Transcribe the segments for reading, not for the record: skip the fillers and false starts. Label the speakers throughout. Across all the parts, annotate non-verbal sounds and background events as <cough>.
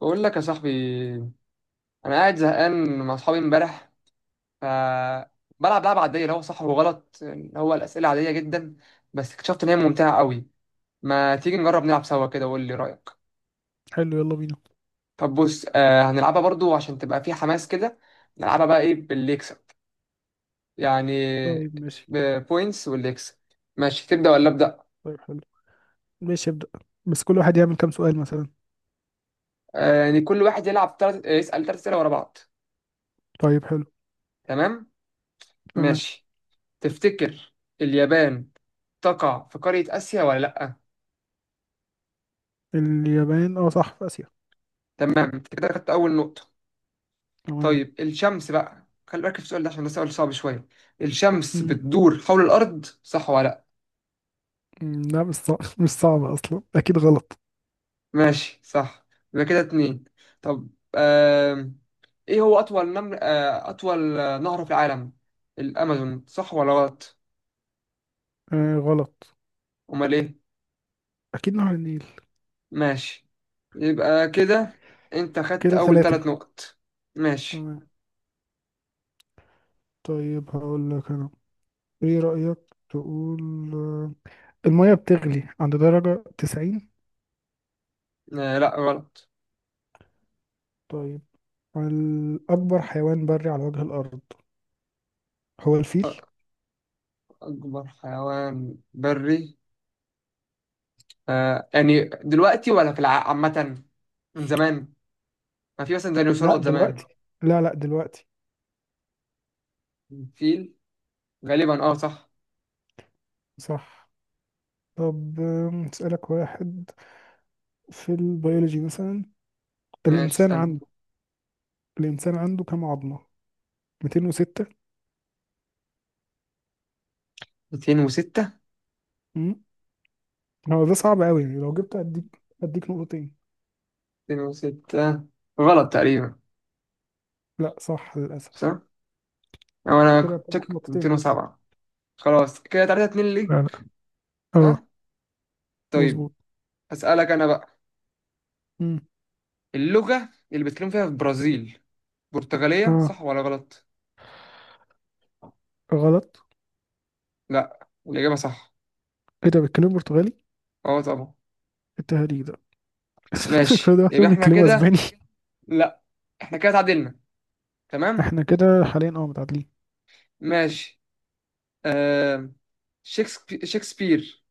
Speaker 1: بقول لك يا صاحبي، انا قاعد زهقان مع اصحابي امبارح. ف بلعب لعبه عاديه اللي هو صح وغلط، اللي هو الاسئله عاديه جدا، بس اكتشفت ان هي ممتعه قوي. ما تيجي نجرب نلعب سوا كده وقول لي رايك؟
Speaker 2: حلو، يلا بينا.
Speaker 1: طب بص، هنلعبها برضو عشان تبقى في حماس كده. نلعبها بقى ايه؟ باللي يكسب يعني،
Speaker 2: طيب ماشي.
Speaker 1: بوينتس، واللي يكسب. ماشي، تبدا ولا ابدا؟
Speaker 2: طيب حلو. ماشي، ابدأ. بس كل واحد يعمل كام سؤال مثلا؟
Speaker 1: يعني كل واحد يلعب يسال ثلاث اسئله ورا بعض.
Speaker 2: طيب حلو.
Speaker 1: تمام.
Speaker 2: تمام.
Speaker 1: ماشي. تفتكر اليابان تقع في قاره اسيا ولا لا؟
Speaker 2: اليابان اه صح، في آسيا.
Speaker 1: تمام، انت كده خدت اول نقطة.
Speaker 2: تمام.
Speaker 1: طيب الشمس بقى، خلي بالك في السؤال ده عشان ده سؤال صعب شوية. الشمس
Speaker 2: مم.
Speaker 1: بتدور حول الأرض صح ولا لأ؟
Speaker 2: مم، لا مش صعب <laughs> مش صعبة أصلا، أكيد غلط.
Speaker 1: ماشي صح. يبقى كده اتنين. طب، آم... ايه هو أطول نمر آه... أطول آه، نهر في العالم؟ الأمازون صح ولا غلط؟
Speaker 2: آه غلط.
Speaker 1: أمال ايه؟
Speaker 2: أكيد نهر النيل.
Speaker 1: ماشي، يبقى كده انت خدت
Speaker 2: كده
Speaker 1: أول
Speaker 2: ثلاثة.
Speaker 1: ثلاث نقط. ماشي.
Speaker 2: تمام. طيب هقول لك أنا. إيه رأيك تقول آه، المية بتغلي عند درجة تسعين؟
Speaker 1: لأ غلط.
Speaker 2: طيب. الأكبر حيوان بري على وجه الأرض هو الفيل.
Speaker 1: أكبر حيوان بري، يعني دلوقتي ولا في عامة؟ من زمان؟ ما في مثلا
Speaker 2: لا
Speaker 1: ديناصورات زمان.
Speaker 2: دلوقتي. لا لا، دلوقتي.
Speaker 1: فيل غالبا، اه صح.
Speaker 2: صح. طب أسألك واحد في البيولوجي مثلا.
Speaker 1: ماشي،
Speaker 2: الإنسان
Speaker 1: اسألني.
Speaker 2: عنده الإنسان عنده كام عظمة؟ 206.
Speaker 1: 206.
Speaker 2: مم. هو ده صعب قوي يعني، لو جبت أديك نقطتين.
Speaker 1: 206 غلط تقريبا.
Speaker 2: لا صح للأسف.
Speaker 1: صح؟ أو أنا
Speaker 2: كده
Speaker 1: كنت
Speaker 2: هتبقى
Speaker 1: شاكك في
Speaker 2: نقطتين بس.
Speaker 1: 207. خلاص كده 3 2
Speaker 2: لا
Speaker 1: ليك.
Speaker 2: لا.
Speaker 1: صح؟
Speaker 2: اه.
Speaker 1: طيب.
Speaker 2: مظبوط.
Speaker 1: أسألك أنا بقى،
Speaker 2: مم.
Speaker 1: اللغة اللي بيتكلموا فيها في البرازيل برتغالية
Speaker 2: اه
Speaker 1: صح ولا غلط؟
Speaker 2: غلط.
Speaker 1: لا الإجابة صح.
Speaker 2: ايه ده، بيتكلموا برتغالي؟
Speaker 1: اه طبعا.
Speaker 2: التهريج ده <laughs> كل
Speaker 1: ماشي،
Speaker 2: ده
Speaker 1: يبقى
Speaker 2: محسوب،
Speaker 1: احنا
Speaker 2: بيتكلموا
Speaker 1: كده.
Speaker 2: اسباني.
Speaker 1: لا احنا كده اتعادلنا. تمام؟
Speaker 2: احنا كده حاليا اه متعادلين.
Speaker 1: ماشي. آه، شكسبير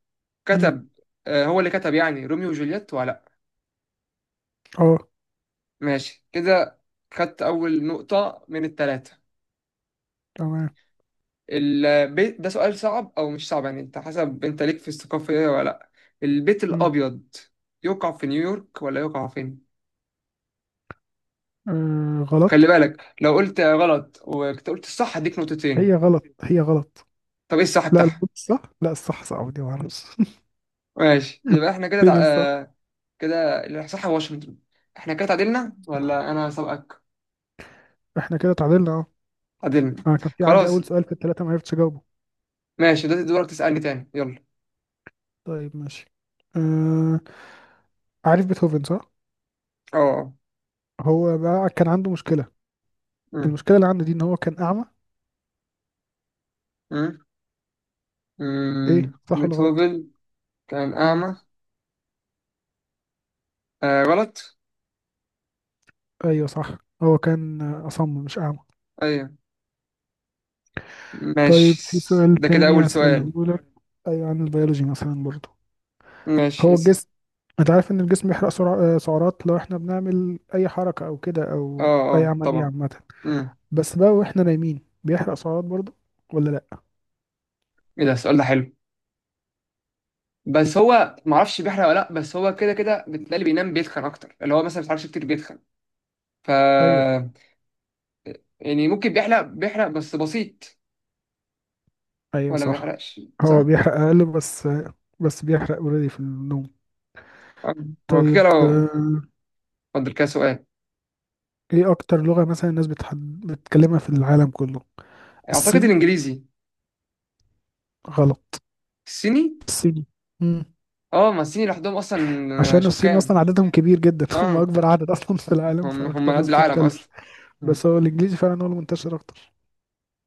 Speaker 2: مم.
Speaker 1: كتب. هو اللي كتب يعني روميو وجولييت ولا لا؟
Speaker 2: اه.
Speaker 1: ماشي كده، خدت أول نقطة من التلاتة.
Speaker 2: تمام.
Speaker 1: البيت ده سؤال صعب أو مش صعب، يعني أنت حسب أنت ليك في الثقافة إيه ولا لأ. البيت
Speaker 2: مم.
Speaker 1: الأبيض يقع في نيويورك ولا يقع فين؟
Speaker 2: آه
Speaker 1: خلي
Speaker 2: غلط.
Speaker 1: بالك لو قلت غلط وكنت قلت الصح هديك
Speaker 2: هي
Speaker 1: نقطتين.
Speaker 2: غلط، هي غلط.
Speaker 1: طب إيه الصح
Speaker 2: لا لا
Speaker 1: بتاعها؟
Speaker 2: الصح، لا الصح سعودي، معرفش.
Speaker 1: ماشي
Speaker 2: <laughs>
Speaker 1: يبقى إحنا كده
Speaker 2: فين
Speaker 1: تع...
Speaker 2: الصح.
Speaker 1: آه كده الصح واشنطن. إحنا كده تعادلنا ولا أنا سبقك؟
Speaker 2: احنا كده اتعادلنا اهو.
Speaker 1: تعادلنا.
Speaker 2: انا كان في عندي
Speaker 1: خلاص
Speaker 2: اول سؤال في الثلاثه ما عرفتش اجاوبه.
Speaker 1: ماشي، ده دورك تسألني تاني، يلا.
Speaker 2: طيب ماشي. آه... عارف بيتهوفن صح.
Speaker 1: اه، آه.
Speaker 2: هو بقى كان عنده مشكله،
Speaker 1: مم.
Speaker 2: المشكله اللي عنده دي ان هو كان اعمى.
Speaker 1: مم.
Speaker 2: ايه،
Speaker 1: مم.
Speaker 2: صح ولا غلط؟
Speaker 1: بيتهوفن كان
Speaker 2: مم.
Speaker 1: أعمى. غلط.
Speaker 2: ايوه صح. هو كان اصم مش اعمى.
Speaker 1: أيوه،
Speaker 2: طيب
Speaker 1: ماشي
Speaker 2: في سؤال
Speaker 1: ده كده
Speaker 2: تاني
Speaker 1: أول
Speaker 2: هسأله
Speaker 1: سؤال.
Speaker 2: لك، ايوه عن البيولوجي مثلا برضو.
Speaker 1: ماشي
Speaker 2: هو
Speaker 1: اسم.
Speaker 2: الجسم انت عارف ان الجسم بيحرق سعرات لو احنا بنعمل اي حركه او كده،
Speaker 1: اه،
Speaker 2: او اي
Speaker 1: اه
Speaker 2: عمليه
Speaker 1: طبعا.
Speaker 2: عامه.
Speaker 1: مم.
Speaker 2: بس بقى واحنا نايمين بيحرق سعرات برضه ولا لا؟
Speaker 1: ايه ده، السؤال ده حلو. بس هو معرفش بيحرق ولا لأ، بس هو كده كده بتلاقي اللي بينام بيتخن أكتر، اللي هو مثلا ما بيتحركش كتير بيتخن. ف
Speaker 2: ايوه.
Speaker 1: يعني ممكن بيحرق بيحرق بس بسيط،
Speaker 2: ايوه
Speaker 1: ولا ما
Speaker 2: صح.
Speaker 1: بيحرقش
Speaker 2: هو
Speaker 1: صح؟
Speaker 2: بيحرق اقل بس. بس بيحرق اوريدي في النوم.
Speaker 1: آه. هو كده
Speaker 2: طيب
Speaker 1: لو. اتفضل كده سؤال.
Speaker 2: ايه اكتر لغة مثلا الناس بتتكلمها في العالم كله؟
Speaker 1: أعتقد
Speaker 2: الصيني.
Speaker 1: الإنجليزي.
Speaker 2: غلط.
Speaker 1: الصيني؟
Speaker 2: الصيني. مم.
Speaker 1: اه، ما الصين لوحدهم اصلا
Speaker 2: عشان
Speaker 1: شوف
Speaker 2: الصين اصلا
Speaker 1: كام.
Speaker 2: عددهم كبير جدا <laughs> هم
Speaker 1: اه،
Speaker 2: اكبر عدد اصلا في العالم،
Speaker 1: هم
Speaker 2: فاكتر
Speaker 1: هم قد
Speaker 2: ناس
Speaker 1: العالم
Speaker 2: بتتكلم.
Speaker 1: اصلا.
Speaker 2: بس هو الانجليزي فعلا هو المنتشر اكتر.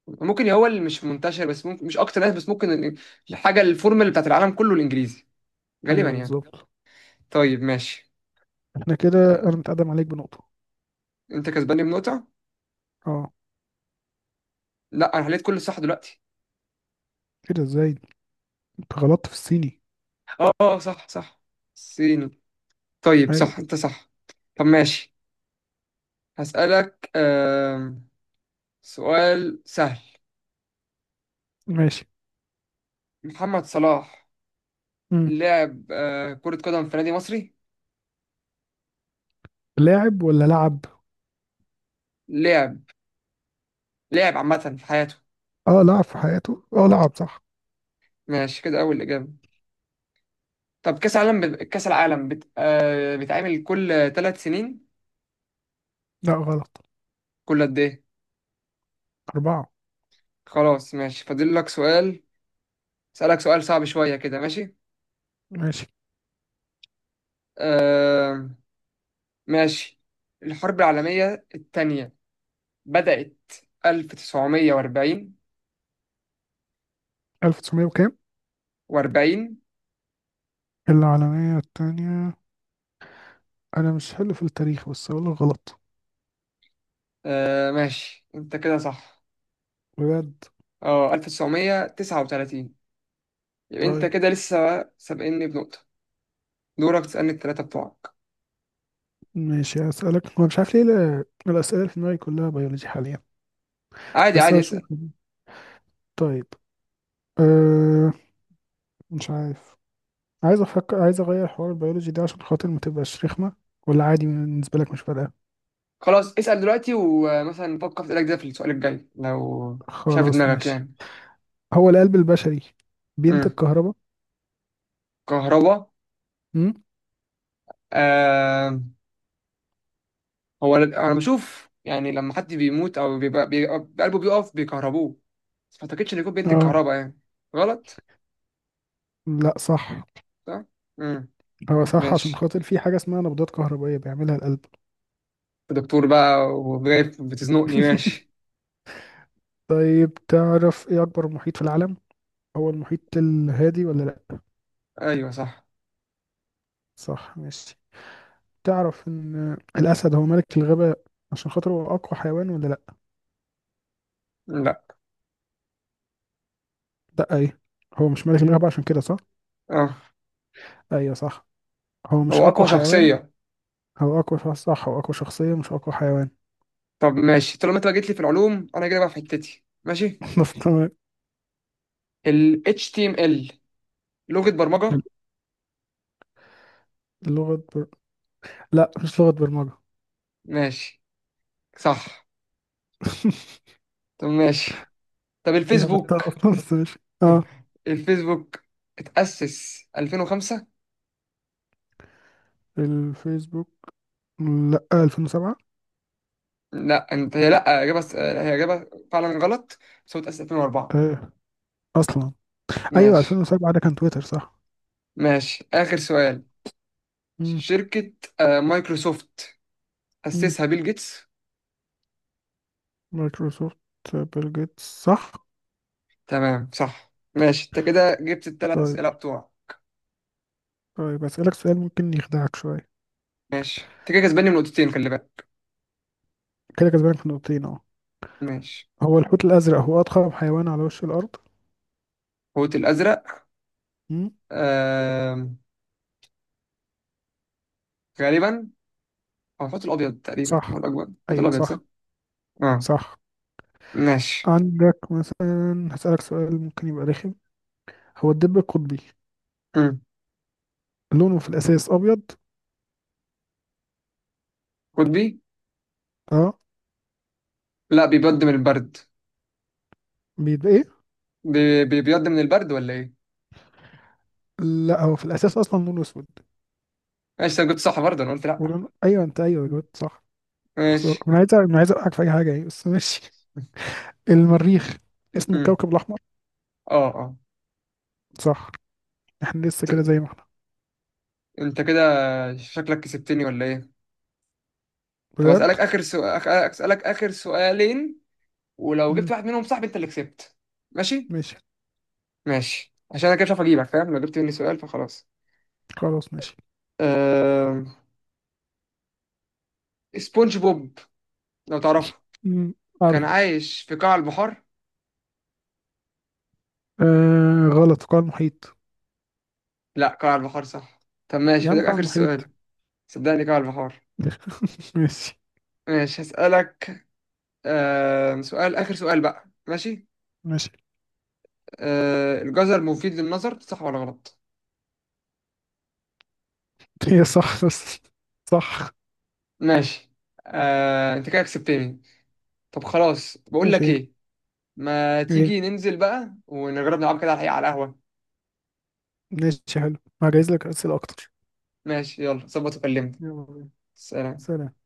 Speaker 1: ممكن هو اللي مش منتشر، بس ممكن مش اكتر ناس، بس ممكن الحاجه الفورمال بتاعت العالم كله الانجليزي، غالبا
Speaker 2: ايوه
Speaker 1: يعني.
Speaker 2: بالظبط.
Speaker 1: طيب ماشي.
Speaker 2: احنا كده
Speaker 1: آه،
Speaker 2: انا متقدم عليك بنقطة.
Speaker 1: انت كسباني بنقطه.
Speaker 2: اه.
Speaker 1: لا انا حليت كل صح دلوقتي.
Speaker 2: كده ازاي؟ انت غلطت في الصيني.
Speaker 1: اه، اه صح صح. صيني. طيب صح
Speaker 2: ايوه.
Speaker 1: انت صح. طب ماشي، هسألك سؤال سهل.
Speaker 2: ماشي.
Speaker 1: محمد صلاح
Speaker 2: مم.
Speaker 1: لعب كرة قدم في نادي مصري.
Speaker 2: لاعب ولا لعب؟
Speaker 1: لعب. لعب عامة في حياته.
Speaker 2: اه لعب في حياته، اه لعب، صح.
Speaker 1: ماشي كده أول إجابة. طب كأس العالم كأس العالم بيتعمل كل 3 سنين؟
Speaker 2: لا غلط.
Speaker 1: كل قد إيه؟
Speaker 2: أربعة.
Speaker 1: خلاص ماشي فاضل لك سؤال. أسألك سؤال صعب شوية كده، ماشي؟
Speaker 2: ماشي.
Speaker 1: آه... ماشي. الحرب العالمية الثانية بدأت 1940.
Speaker 2: 1900 وكام؟
Speaker 1: و40.
Speaker 2: العالمية التانية. أنا مش حلو في التاريخ، بس أقول لك غلط.
Speaker 1: ماشي أنت كده صح.
Speaker 2: بجد.
Speaker 1: أه، 1939. يبقى أنت
Speaker 2: طيب
Speaker 1: كده لسه سابقني بنقطة. دورك تسألني الثلاثة بتوعك.
Speaker 2: ماشي، هسألك. هو مش عارف ليه الأسئلة اللي في دماغي كلها بيولوجي حاليا.
Speaker 1: عادي
Speaker 2: بس
Speaker 1: عادي
Speaker 2: هشوف.
Speaker 1: اسأل.
Speaker 2: طيب. أه مش عارف. عايز أفكر، عايز أغير حوار البيولوجي ده عشان خاطر ما تبقاش رخمة، ولا عادي بالنسبة لك مش فارقة؟
Speaker 1: خلاص اسأل دلوقتي، ومثلا فكر في اسألك ده في السؤال الجاي لو شايف
Speaker 2: خلاص
Speaker 1: دماغك،
Speaker 2: ماشي.
Speaker 1: يعني.
Speaker 2: هو القلب البشري بينتج
Speaker 1: امم.
Speaker 2: كهرباء؟
Speaker 1: كهرباء.
Speaker 2: امم.
Speaker 1: آه، هو انا بشوف يعني لما حد بيموت او بيبقى، بيبقى قلبه بيقف بيكهربوه، بس ما اعتقدش ان يكون بينتج
Speaker 2: اه.
Speaker 1: كهرباء يعني. غلط.
Speaker 2: لا صح.
Speaker 1: صح. امم.
Speaker 2: هو صح عشان
Speaker 1: ماشي.
Speaker 2: خاطر في حاجة اسمها نبضات كهربائية بيعملها القلب.
Speaker 1: أنت دكتور بقى وجايب بتزنقني، ماشي.
Speaker 2: <laughs> طيب، تعرف ايه أكبر محيط في العالم؟ هو المحيط الهادي ولا لأ؟
Speaker 1: ايوه صح.
Speaker 2: صح، ماشي. تعرف إن الأسد هو ملك الغابة عشان خاطر هو أقوى حيوان ولا لأ؟
Speaker 1: لا.
Speaker 2: لأ إيه، هو مش ملك الغابة عشان كده صح؟
Speaker 1: اه،
Speaker 2: أيوه صح. هو مش
Speaker 1: هو
Speaker 2: أقوى
Speaker 1: اقوى
Speaker 2: حيوان.
Speaker 1: شخصية.
Speaker 2: هو أقوى شخص صح، هو أقوى شخصية مش أقوى حيوان.
Speaker 1: طب ماشي، طالما انت بقى جيت لي في العلوم انا جاي بقى في حتتي، ماشي.
Speaker 2: <laughs> بس تمام.
Speaker 1: ال HTML لغة برمجة.
Speaker 2: لغة بر... لأ مش لغة برمجة.
Speaker 1: ماشي صح.
Speaker 2: <laughs>
Speaker 1: طب ماشي. طب
Speaker 2: دي
Speaker 1: الفيسبوك.
Speaker 2: هبتها أصلا، بس ماشي أه.
Speaker 1: <laughs> الفيسبوك اتأسس 2005.
Speaker 2: الفيسبوك، لا 2007.
Speaker 1: لا انت هي، لا اجابه، هي اجابه فعلا غلط. بس هو اتأسس 2004.
Speaker 2: ايه اصلا. ايوه
Speaker 1: ماشي.
Speaker 2: 2007 ده كان تويتر صح.
Speaker 1: ماشي اخر سؤال.
Speaker 2: امم.
Speaker 1: شركه مايكروسوفت
Speaker 2: امم.
Speaker 1: أسسها بيل جيتس.
Speaker 2: مايكروسوفت، بيل جيتس صح.
Speaker 1: تمام صح، ماشي انت كده جبت الثلاث
Speaker 2: طيب.
Speaker 1: اسئله بتوع.
Speaker 2: طيب اسالك سؤال ممكن يخدعك شويه.
Speaker 1: ماشي انت كده كسباني بنقطتين، خلي بالك.
Speaker 2: كده كسبانك في نقطتين اهو.
Speaker 1: ماشي.
Speaker 2: هو الحوت الازرق هو اضخم حيوان على وش الارض.
Speaker 1: الحوت الازرق.
Speaker 2: امم.
Speaker 1: آه... غالبا، او الحوت الابيض تقريبا
Speaker 2: صح.
Speaker 1: هو الاكبر، الحوت
Speaker 2: ايوه
Speaker 1: الابيض صح.
Speaker 2: صح.
Speaker 1: اه.
Speaker 2: صح.
Speaker 1: ماشي.
Speaker 2: عندك مثلا، هسالك سؤال ممكن يبقى رخم. هو الدب القطبي
Speaker 1: مم.
Speaker 2: لونه في الاساس ابيض.
Speaker 1: قطبي.
Speaker 2: اه.
Speaker 1: لا، بيبيض من البرد.
Speaker 2: بيبقى ايه؟
Speaker 1: بيبيض من البرد ولا ايه؟
Speaker 2: لا هو في الاساس اصلا لونه اسود.
Speaker 1: ماشي، انا كنت صح برضه، انا قلت لا.
Speaker 2: ولونه ايوه، انت ايوه
Speaker 1: مم.
Speaker 2: جاوبت صح. خسارة،
Speaker 1: ماشي.
Speaker 2: أنا عايز أوقعك في أي حاجة يعني، بس ماشي. المريخ اسمه
Speaker 1: مم.
Speaker 2: الكوكب الأحمر
Speaker 1: اه، اه.
Speaker 2: صح. احنا لسه كده
Speaker 1: ت-
Speaker 2: زي ما احنا.
Speaker 1: انت كده، شكلك كسبتني ولا ايه. طب
Speaker 2: بجد.
Speaker 1: اسالك اخر سؤالين، ولو جبت
Speaker 2: مم.
Speaker 1: واحد منهم صح انت اللي كسبت. ماشي.
Speaker 2: ماشي.
Speaker 1: ماشي، عشان انا كده مش عارف اجيبك فاهم، لو جبت مني سؤال فخلاص.
Speaker 2: خلاص ماشي.
Speaker 1: أه... سبونج بوب لو تعرفه،
Speaker 2: مم. عارف.
Speaker 1: كان عايش في قاع البحار.
Speaker 2: آه غلط، قاع المحيط.
Speaker 1: لا قاع البحار صح. طب ماشي
Speaker 2: يا عم
Speaker 1: فده
Speaker 2: قاع
Speaker 1: اخر
Speaker 2: المحيط.
Speaker 1: سؤال. صدقني قاع البحار.
Speaker 2: <laughs> ماشي.
Speaker 1: ماشي هسألك. آه سؤال آخر سؤال بقى، ماشي.
Speaker 2: ماشي.
Speaker 1: الجزر مفيد للنظر صح ولا غلط؟
Speaker 2: هي صح بس. صح.
Speaker 1: ماشي. انت كده كسبتني. طب خلاص، بقول لك
Speaker 2: ماشي.
Speaker 1: ايه، ما تيجي
Speaker 2: ايه،
Speaker 1: ننزل بقى ونجرب نلعب كده على الحقيقة على القهوة.
Speaker 2: ماشي حلو. هجهز لك أسئلة أكتر.
Speaker 1: ماشي يلا ظبط وكلمني.
Speaker 2: يلا بينا.
Speaker 1: سلام.
Speaker 2: سلام.